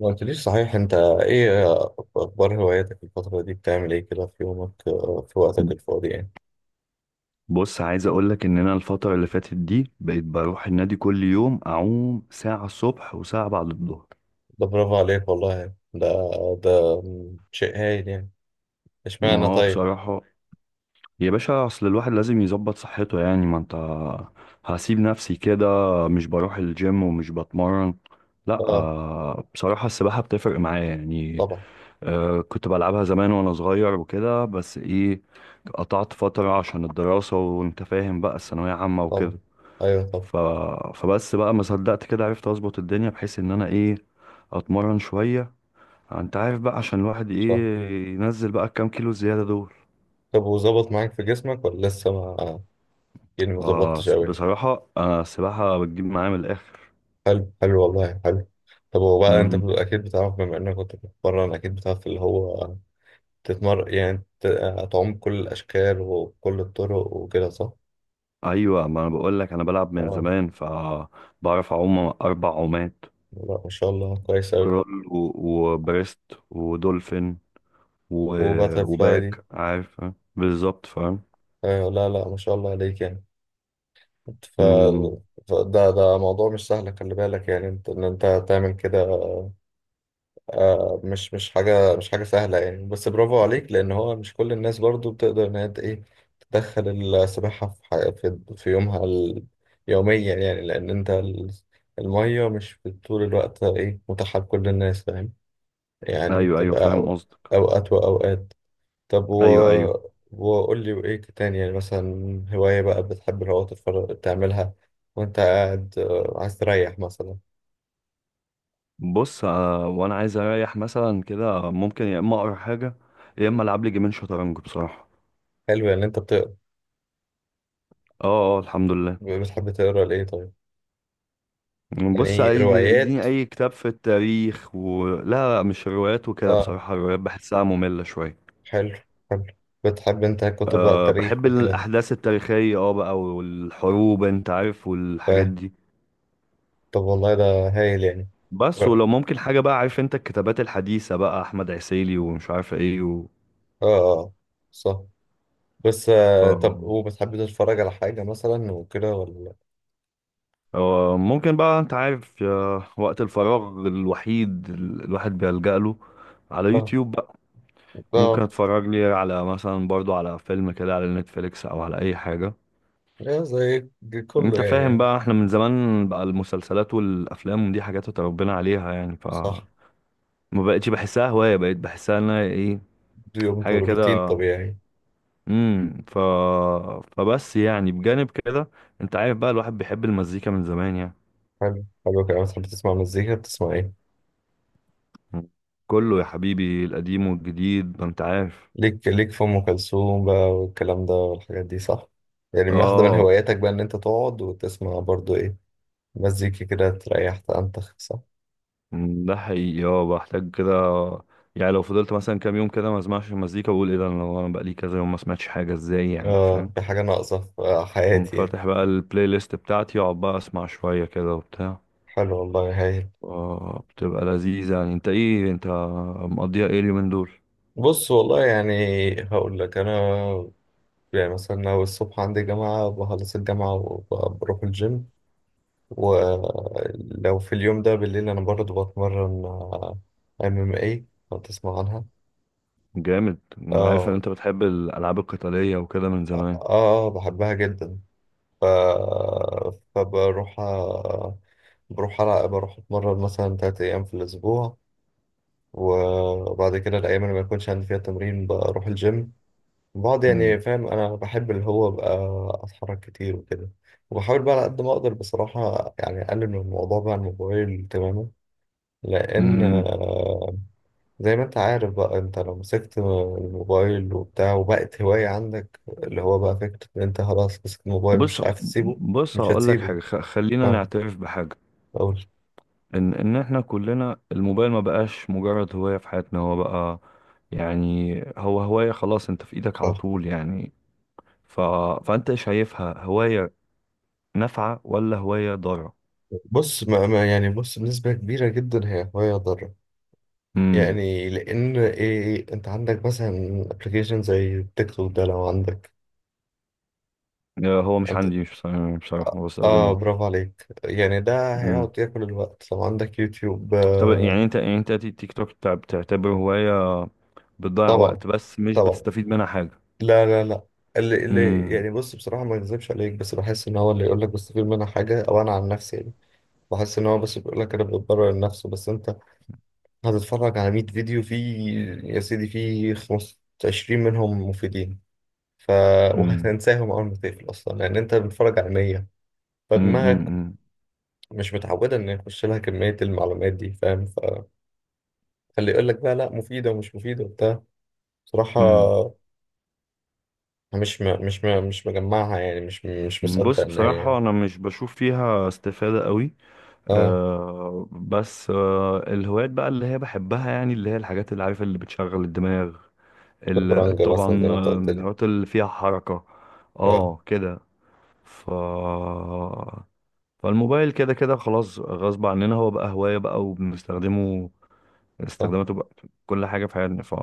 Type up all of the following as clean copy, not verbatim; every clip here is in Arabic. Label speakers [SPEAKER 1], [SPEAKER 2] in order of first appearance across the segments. [SPEAKER 1] ما قلتليش صحيح انت؟ ايه اخبار هواياتك الفترة دي، بتعمل ايه كده في يومك، في وقتك الفاضي يعني؟
[SPEAKER 2] بص، عايز اقولك ان انا الفترة اللي فاتت دي بقيت بروح النادي كل يوم اعوم ساعة الصبح وساعة بعد الظهر.
[SPEAKER 1] ده برافو عليك والله. ده شيء هايل يعني.
[SPEAKER 2] ما
[SPEAKER 1] اشمعنى
[SPEAKER 2] هو
[SPEAKER 1] طيب؟
[SPEAKER 2] بصراحة يا باشا، اصل الواحد لازم يظبط صحته، يعني ما انت هسيب نفسي كده، مش بروح الجيم ومش بتمرن. لا
[SPEAKER 1] اه
[SPEAKER 2] بصراحة السباحة بتفرق معايا يعني.
[SPEAKER 1] طبعا.
[SPEAKER 2] كنت بلعبها زمان وانا صغير وكده، بس ايه، قطعت فترة عشان الدراسة، وانت فاهم بقى الثانوية عامة
[SPEAKER 1] طبعا،
[SPEAKER 2] وكده.
[SPEAKER 1] ايوه طبعا.
[SPEAKER 2] ف... فبس بقى ما صدقت كده، عرفت اظبط الدنيا بحيث ان انا ايه، اتمرن شوية. انت عارف بقى، عشان الواحد
[SPEAKER 1] صح.
[SPEAKER 2] ايه، ينزل بقى الكام كيلو زيادة دول.
[SPEAKER 1] طب وظبط معاك في جسمك ولا لسه ما، يعني ما ظبطتش قوي؟
[SPEAKER 2] بصراحة انا السباحة بتجيب معايا من الاخر.
[SPEAKER 1] حلو حلو والله، حلو. طب هو بقى انت
[SPEAKER 2] مم.
[SPEAKER 1] اكيد بتعرف، بما انك كنت بتتمرن اكيد بتعرف اللي هو تتمرن، يعني تعوم كل الاشكال وكل الطرق وكده، صح؟
[SPEAKER 2] ايوه، ما انا بقول لك، انا بلعب من
[SPEAKER 1] اه
[SPEAKER 2] زمان فبعرف اعوم اربع عومات:
[SPEAKER 1] لا ما شاء الله، كويس أوي.
[SPEAKER 2] كرول وبريست، ودولفين،
[SPEAKER 1] وباتر فلاي دي.
[SPEAKER 2] وباك، عارف. بالظبط، فاهم.
[SPEAKER 1] آه لا لا، ما شاء الله عليك يعني. ف...
[SPEAKER 2] مم.
[SPEAKER 1] فده موضوع مش سهل، خلي بالك يعني انت، ان انت تعمل كده. مش حاجة سهلة يعني، بس برافو عليك، لأن هو مش كل الناس برضو بتقدر إن هي ت- إيه تدخل السباحة في في يومها، يوميا يعني. لأن انت المية مش طول الوقت متاحة لكل الناس، فاهم يعني،
[SPEAKER 2] ايوه ايوه،
[SPEAKER 1] بتبقى
[SPEAKER 2] فاهم قصدك.
[SPEAKER 1] أوقات وأوقات. طب و...
[SPEAKER 2] ايوه ايوه.
[SPEAKER 1] وقول لي وإيه تاني، يعني مثلا هواية بقى بتحب اللي هو تتفرج تعملها وأنت قاعد، عايز تريح مثلا.
[SPEAKER 2] بص، وانا عايز اريح مثلا كده، ممكن يا اما اقرا حاجه، يا اما العب لي جيمين شطرنج بصراحه.
[SPEAKER 1] حلو يعني، أنت
[SPEAKER 2] اه اه، الحمد لله.
[SPEAKER 1] بتحب تقرا لإيه طيب؟ يعني
[SPEAKER 2] بص،
[SPEAKER 1] إيه، روايات؟
[SPEAKER 2] اديني اي كتاب في التاريخ. ولا لا لا، مش روايات وكده،
[SPEAKER 1] آه،
[SPEAKER 2] بصراحه الروايات بحسها ممله شويه.
[SPEAKER 1] حلو حلو. بتحب أنت كتب بقى
[SPEAKER 2] أه،
[SPEAKER 1] التاريخ
[SPEAKER 2] بحب
[SPEAKER 1] وكده؟
[SPEAKER 2] الاحداث التاريخيه، اه بقى، والحروب، انت عارف، والحاجات
[SPEAKER 1] فاهم.
[SPEAKER 2] دي.
[SPEAKER 1] طب والله ده هايل يعني.
[SPEAKER 2] بس
[SPEAKER 1] آه،
[SPEAKER 2] ولو ممكن حاجه بقى، عارف انت الكتابات الحديثه بقى، احمد عسيلي، ومش عارف ايه
[SPEAKER 1] آه، آه، صح. بس طب،
[SPEAKER 2] آه.
[SPEAKER 1] وبتحب تتفرج على حاجة مثلا وكده ولا؟
[SPEAKER 2] هو ممكن بقى، انت عارف، يا وقت الفراغ الوحيد الواحد بيلجأ له على
[SPEAKER 1] آه،
[SPEAKER 2] يوتيوب بقى. ممكن
[SPEAKER 1] آه،
[SPEAKER 2] اتفرج لي على مثلا، برضو، على فيلم كده، على نتفليكس او على اي حاجة.
[SPEAKER 1] إيه، زي كله
[SPEAKER 2] انت
[SPEAKER 1] يعني،
[SPEAKER 2] فاهم بقى، احنا من زمان بقى المسلسلات والافلام دي حاجات اتربينا عليها يعني،
[SPEAKER 1] صح.
[SPEAKER 2] ما بقتش بحسها هواية، بقيت بحسها انها ايه،
[SPEAKER 1] يوم
[SPEAKER 2] حاجة
[SPEAKER 1] روتين
[SPEAKER 2] كده.
[SPEAKER 1] طبيعي.
[SPEAKER 2] امم ف فبس يعني، بجانب كده، انت عارف بقى الواحد بيحب المزيكا من زمان يعني.
[SPEAKER 1] حلو، حلو كده. بتحب تسمع مزيكا، بتسمع ايه؟
[SPEAKER 2] كله يا حبيبي، القديم والجديد، ما انت عارف.
[SPEAKER 1] ليك في ام كلثوم بقى والكلام ده والحاجات دي، صح؟ يعني واحده من
[SPEAKER 2] اه.
[SPEAKER 1] هواياتك بقى ان انت تقعد وتسمع برضو ايه، مزيكا كده تريح تنتخ، صح؟
[SPEAKER 2] ده حقيقي، اه بحتاج كده. يعني لو فضلت مثلا كام يوم كده ما اسمعش المزيكا، بقول ايه ده، انا بقالي كذا يوم ما سمعتش حاجه، ازاي يعني،
[SPEAKER 1] اه،
[SPEAKER 2] فاهم.
[SPEAKER 1] في حاجه ناقصه في
[SPEAKER 2] قوم
[SPEAKER 1] حياتي يعني.
[SPEAKER 2] فاتح بقى البلاي ليست بتاعتي، اقعد بقى اسمع شويه كده وبتاع.
[SPEAKER 1] حلو والله، هايل.
[SPEAKER 2] اه، بتبقى لذيذه يعني. انت ايه، انت مقضيها ايه اليومين دول؟
[SPEAKER 1] بص والله يعني، هقول لك انا، يعني مثلا لو الصبح عندي جامعه بخلص الجامعه وبروح الجيم. ولو في اليوم ده بالليل انا برضه بتمرن. ام ام اي لو تسمع عنها.
[SPEAKER 2] جامد، انا عارف ان
[SPEAKER 1] اه،
[SPEAKER 2] انت بتحب الالعاب القتاليه وكده من
[SPEAKER 1] اه،
[SPEAKER 2] زمان.
[SPEAKER 1] بحبها جدا. ف... فبروح أ- بروح ألعب، بروح اتمرن مثلا تلات ايام في الاسبوع. وبعد كده الايام اللي ما يكونش عندي فيها تمرين بروح الجيم بعض،
[SPEAKER 2] مم.
[SPEAKER 1] يعني فاهم، انا بحب اللي هو ابقى اتحرك كتير وكده. وبحاول بقى على قد ما اقدر بصراحة يعني اقلل من الموضوع بقى على الموبايل تماما، لان
[SPEAKER 2] مم.
[SPEAKER 1] زي ما انت عارف بقى، انت لو مسكت الموبايل وبتاع وبقت هواية عندك، اللي هو بقى فكرة ان انت خلاص مسكت الموبايل
[SPEAKER 2] بص
[SPEAKER 1] مش عارف تسيبه،
[SPEAKER 2] بص
[SPEAKER 1] مش
[SPEAKER 2] هقول لك
[SPEAKER 1] هتسيبه.
[SPEAKER 2] حاجه، خلينا
[SPEAKER 1] اه،
[SPEAKER 2] نعترف بحاجه،
[SPEAKER 1] اقول
[SPEAKER 2] ان احنا كلنا الموبايل ما بقاش مجرد هواية في حياتنا، هو بقى، يعني هو هواية خلاص، انت في ايدك على
[SPEAKER 1] صح.
[SPEAKER 2] طول يعني. ف... فانت شايفها هواية نافعة ولا هواية ضارة؟
[SPEAKER 1] بص، ما يعني، بص بنسبة كبيرة جدا هي هواية ضارة،
[SPEAKER 2] امم
[SPEAKER 1] يعني لان ايه، انت عندك مثلا ابلكيشن زي تيك توك ده لو عندك
[SPEAKER 2] هو مش
[SPEAKER 1] انت.
[SPEAKER 2] عندي، مش بص- يعني بصراحة ما
[SPEAKER 1] اه
[SPEAKER 2] بستخدموش.
[SPEAKER 1] برافو عليك يعني، ده
[SPEAKER 2] امم
[SPEAKER 1] هيقعد ياكل الوقت لو عندك يوتيوب.
[SPEAKER 2] طب يعني انت، تيك توك بتعتبره هواية بتضيع
[SPEAKER 1] طبعا،
[SPEAKER 2] وقت بس مش
[SPEAKER 1] طبعا.
[SPEAKER 2] بتستفيد منها حاجة؟
[SPEAKER 1] لا لا لا، اللي
[SPEAKER 2] امم
[SPEAKER 1] يعني، بص بصراحة ما اكذبش عليك، بس بحس ان هو اللي يقول لك بستفيد منها حاجة، او انا عن نفسي يعني بحس ان هو بس بيقول لك، انا بتبرر لنفسه. بس انت هتتفرج على 100 فيديو فيه، يا سيدي فيه 25 منهم مفيدين. ف
[SPEAKER 2] امم
[SPEAKER 1] وهتنساهم اول ما تقفل اصلا، لان انت بتتفرج على 100، فدماغك
[SPEAKER 2] امم
[SPEAKER 1] مش متعودة ان يخش لها كمية المعلومات دي، فاهم. فاللي يقول لك بقى لا مفيدة ومش مفيدة وبتاع، بصراحة
[SPEAKER 2] امم
[SPEAKER 1] مش مجمعها يعني، مش مصدق
[SPEAKER 2] بص،
[SPEAKER 1] ان هي يعني.
[SPEAKER 2] بصراحة انا مش بشوف فيها استفادة قوي.
[SPEAKER 1] اه،
[SPEAKER 2] بس الهوايات بقى اللي هي بحبها، يعني اللي هي الحاجات اللي عارف اللي بتشغل الدماغ،
[SPEAKER 1] شطرنج مثلا زي
[SPEAKER 2] طبعا،
[SPEAKER 1] ما انت قلت لي.
[SPEAKER 2] الهوايات اللي فيها حركة.
[SPEAKER 1] اه،
[SPEAKER 2] اه كده. ف فالموبايل كده كده خلاص، غصب عننا هو بقى هواية بقى وبنستخدمه.
[SPEAKER 1] صح،
[SPEAKER 2] استخداماته بقى في كل حاجة في حياتنا،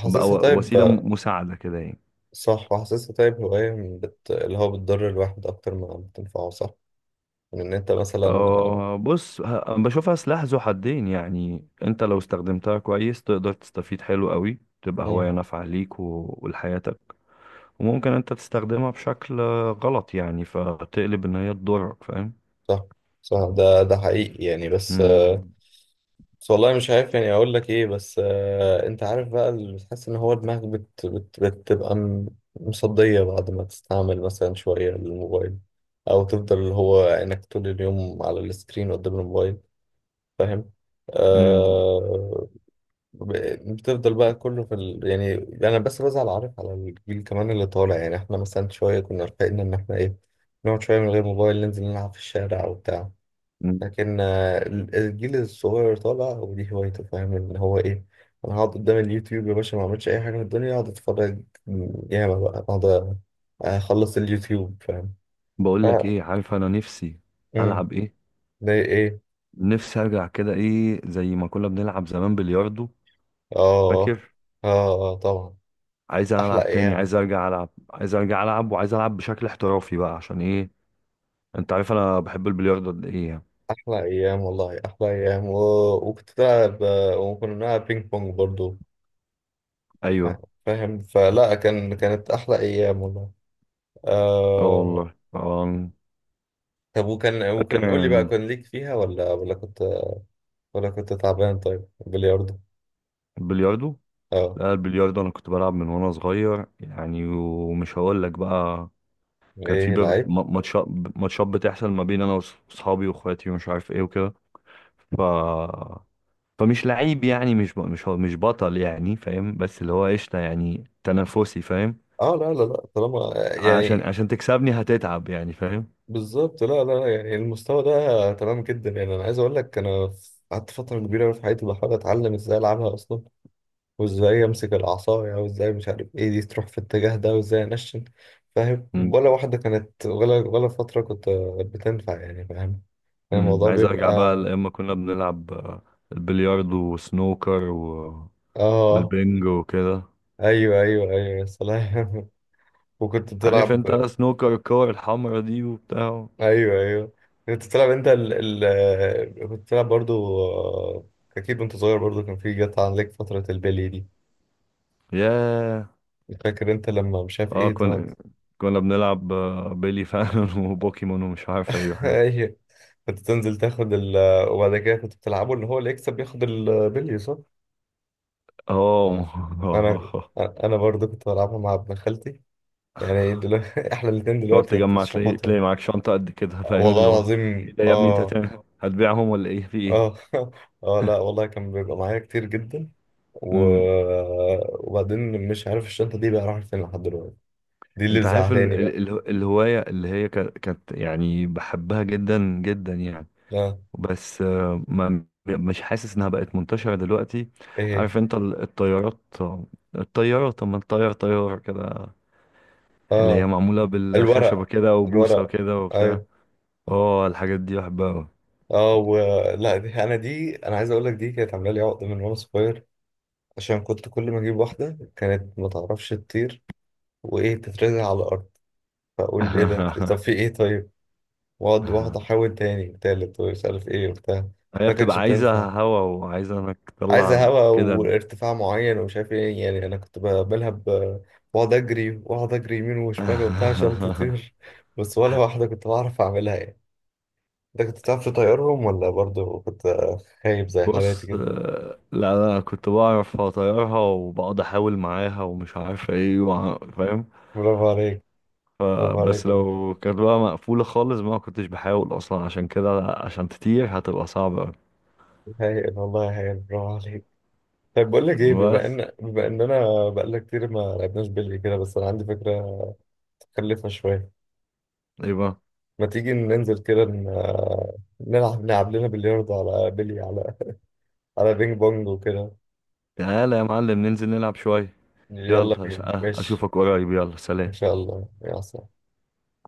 [SPEAKER 2] فبقى
[SPEAKER 1] طيب،
[SPEAKER 2] وسيلة مساعدة كده يعني.
[SPEAKER 1] صح. وحاسسها طيب هواية من اللي هو بتضر الواحد أكتر ما بتنفعه، صح، من إن أنت مثلا.
[SPEAKER 2] بص، بشوفها سلاح ذو حدين، يعني انت لو استخدمتها كويس تقدر تستفيد حلو قوي، تبقى هواية
[SPEAKER 1] مم.
[SPEAKER 2] نافعة ليك ولحياتك. وممكن انت تستخدمها بشكل غلط يعني، فتقلب ان هي تضرك، فاهم.
[SPEAKER 1] صح، صح، ده حقيقي يعني. بس
[SPEAKER 2] مم.
[SPEAKER 1] بس والله مش عارف يعني أقول لك إيه. بس أنت عارف بقى اللي بتحس إن هو دماغك بتبقى مصدية بعد ما تستعمل مثلا شوية الموبايل، أو تفضل اللي هو إنك طول اليوم على السكرين قدام الموبايل، فاهم.
[SPEAKER 2] مم.
[SPEAKER 1] آه بتفضل بقى كله في يعني. انا بس بزعل عارف، على الجيل كمان اللي طالع يعني، احنا مثلا شويه كنا رفاقنا ان احنا ايه، نقعد شويه من غير موبايل، ننزل نلعب في الشارع وبتاع.
[SPEAKER 2] مم.
[SPEAKER 1] لكن الجيل الصغير طالع ودي هوايته، فاهم ان هو ايه، انا هقعد قدام اليوتيوب يا باشا ما اعملش اي حاجه في الدنيا، اقعد اتفرج ياما بقى، اقعد اخلص اليوتيوب، فاهم. ف
[SPEAKER 2] بقول لك ايه، عارف انا نفسي
[SPEAKER 1] امم
[SPEAKER 2] العب ايه،
[SPEAKER 1] ده ايه؟
[SPEAKER 2] نفسي ارجع كده ايه زي ما كنا بنلعب زمان، بلياردو،
[SPEAKER 1] اه،
[SPEAKER 2] فاكر.
[SPEAKER 1] اه، طبعا.
[SPEAKER 2] عايز
[SPEAKER 1] احلى
[SPEAKER 2] العب تاني،
[SPEAKER 1] ايام،
[SPEAKER 2] عايز ارجع العب، عايز ارجع العب، وعايز العب بشكل احترافي بقى، عشان ايه، انت عارف انا بحب البلياردو قد ايه يعني.
[SPEAKER 1] احلى ايام والله، احلى ايام وكنت بلعب، وكنا بنلعب بينج بونج برضو، فا-
[SPEAKER 2] ايوه.
[SPEAKER 1] فاهم، فلا كانت احلى ايام والله.
[SPEAKER 2] اه
[SPEAKER 1] آه...
[SPEAKER 2] والله اه.
[SPEAKER 1] طب وكان
[SPEAKER 2] فاكر
[SPEAKER 1] وكان قول لي بقى،
[SPEAKER 2] يعني.
[SPEAKER 1] كان ليك فيها ولا كنت، ولا كنت تعبان؟ طيب بلياردو.
[SPEAKER 2] البلياردو؟
[SPEAKER 1] اه،
[SPEAKER 2] لا، البلياردو انا كنت بلعب من وانا صغير يعني، ومش هقول لك بقى، كان في
[SPEAKER 1] ايه لعيب.
[SPEAKER 2] ماتشات بتحصل ما بين انا واصحابي واخواتي ومش عارف ايه وكده. ف فمش لعيب يعني، مش ب... مش هو- مش بطل يعني، فاهم، بس اللي هو قشطه يعني، تنافسي، فاهم.
[SPEAKER 1] اه، لا لا لا، طالما
[SPEAKER 2] عشان
[SPEAKER 1] يعني،
[SPEAKER 2] عشان تكسبني هتتعب يعني، فاهم.
[SPEAKER 1] بالظبط. لا لا، يعني المستوى ده تمام جدا يعني. انا عايز اقول لك، انا قعدت فتره كبيره أوي في حياتي بحاول اتعلم ازاي العبها اصلا، وازاي امسك العصاية، وازاي مش عارف ايه دي تروح في الاتجاه ده، وازاي انشن، فاهم؟
[SPEAKER 2] م-
[SPEAKER 1] ولا واحدة كانت، ولا فترة كنت بتنفع يعني، فاهم، يعني
[SPEAKER 2] م.
[SPEAKER 1] الموضوع
[SPEAKER 2] عايز ارجع بقى
[SPEAKER 1] بيبقى.
[SPEAKER 2] لاما كنا بنلعب البلياردو وسنوكر
[SPEAKER 1] اه،
[SPEAKER 2] والبنج وكده.
[SPEAKER 1] ايوه ايوه ايوه، يا سلام. وكنت
[SPEAKER 2] عارف
[SPEAKER 1] بتلعب.
[SPEAKER 2] انت سنوكر، الكور الحمرا دي وبتاع.
[SPEAKER 1] ايوه ايوه، كنت بتلعب انت ال ال كنت بتلعب برضو، اكيد وانت صغير برضو، كان في، جت عليك فترة البلي دي،
[SPEAKER 2] ياه.
[SPEAKER 1] فاكر انت لما مش عارف
[SPEAKER 2] اه،
[SPEAKER 1] ايه ده؟
[SPEAKER 2] كنا بنلعب بيلي فانون وبوكيمون ومش عارف اي حاجة.
[SPEAKER 1] ايوه. كنت تنزل تاخد وبعد كده كنت بتلعبوا ان هو اللي يكسب ياخد البلي، صح؟ انا
[SPEAKER 2] اه
[SPEAKER 1] انا برضه كنت بلعبها مع ابن خالتي، يعني دلوقتي احنا الاتنين
[SPEAKER 2] تقعد
[SPEAKER 1] دلوقتي
[SPEAKER 2] تجمع،
[SPEAKER 1] شحوطة.
[SPEAKER 2] تلاقي معاك شنطة قد كده، فاهم،
[SPEAKER 1] والله
[SPEAKER 2] اللي هو
[SPEAKER 1] العظيم
[SPEAKER 2] ايه ده يا ابني، انت
[SPEAKER 1] اه.
[SPEAKER 2] هتعمل هتبيعهم ولا ايه، في ايه؟
[SPEAKER 1] اه اه لا والله، كان بيبقى معايا كتير جدا و...
[SPEAKER 2] امم
[SPEAKER 1] وبعدين مش عارف الشنطة دي بقى راحت فين لحد دلوقتي، دي اللي
[SPEAKER 2] انت عارف
[SPEAKER 1] زعلاني بقى.
[SPEAKER 2] الهواية اللي هي كانت يعني بحبها جدا جدا يعني،
[SPEAKER 1] اه،
[SPEAKER 2] بس ما مش حاسس انها بقت منتشرة دلوقتي.
[SPEAKER 1] ايه.
[SPEAKER 2] عارف انت الطيارات، الطيارة، طب ما الطيار، طيار كده، اللي هي
[SPEAKER 1] اه،
[SPEAKER 2] معمولة بالخشبة
[SPEAKER 1] الورق
[SPEAKER 2] كده وبوصة
[SPEAKER 1] الورق.
[SPEAKER 2] وكده وبتاع.
[SPEAKER 1] أيوه.
[SPEAKER 2] اه، الحاجات دي بحبها أوي.
[SPEAKER 1] اه ولا دي انا عايز اقول لك دي كانت عامله لي عقده من وانا صغير، عشان كنت كل ما اجيب واحده كانت ما تعرفش تطير، وايه، تترزع على الارض. فاقول ايه ده، طب في ايه طيب؟ واقعد واحده احاول تاني تالت ومش عارف ايه وبتاع،
[SPEAKER 2] هي
[SPEAKER 1] ما
[SPEAKER 2] بتبقى
[SPEAKER 1] كانتش
[SPEAKER 2] عايزة
[SPEAKER 1] بتنفع.
[SPEAKER 2] هوا وعايزة انك
[SPEAKER 1] عايزه
[SPEAKER 2] تطلع
[SPEAKER 1] هواء
[SPEAKER 2] كده
[SPEAKER 1] وارتفاع معين ومش عارف ايه يعني، انا كنت بعملها بقعد اجري، واقعد اجري يمين وشمال وبتاع عشان تطير، بس ولا واحده كنت بعرف اعملها يعني. انت كنت بتعرف تطيرهم، ولا برضه كنت خايب زي حالاتي
[SPEAKER 2] بص،
[SPEAKER 1] كده؟
[SPEAKER 2] لا، انا كنت بعرف اطيرها وبقعد احاول معاها ومش عارف ايه فاهم.
[SPEAKER 1] برافو عليك. برافو
[SPEAKER 2] فبس
[SPEAKER 1] عليك والله،
[SPEAKER 2] لو كانت بقى مقفولة خالص ما كنتش بحاول أصلا، عشان كده عشان تطير هتبقى صعبة أوي.
[SPEAKER 1] هايل والله هايل، برافو عليك. طيب بقول لك ايه،
[SPEAKER 2] بس،
[SPEAKER 1] بما اننا بقالنا كتير ما لعبناش بلي كده، بس انا عندي فكره متخلفه شويه،
[SPEAKER 2] إيه بقى؟
[SPEAKER 1] ما تيجي ننزل كده نلعب لنا بلياردو، على بلي، على بينج بونج وكده؟
[SPEAKER 2] تعالى يا معلم ننزل نلعب شوية. يلا،
[SPEAKER 1] يلا بينا، ماشي.
[SPEAKER 2] أشوفك قريب، يلا
[SPEAKER 1] ان
[SPEAKER 2] سلام.
[SPEAKER 1] شاء الله يا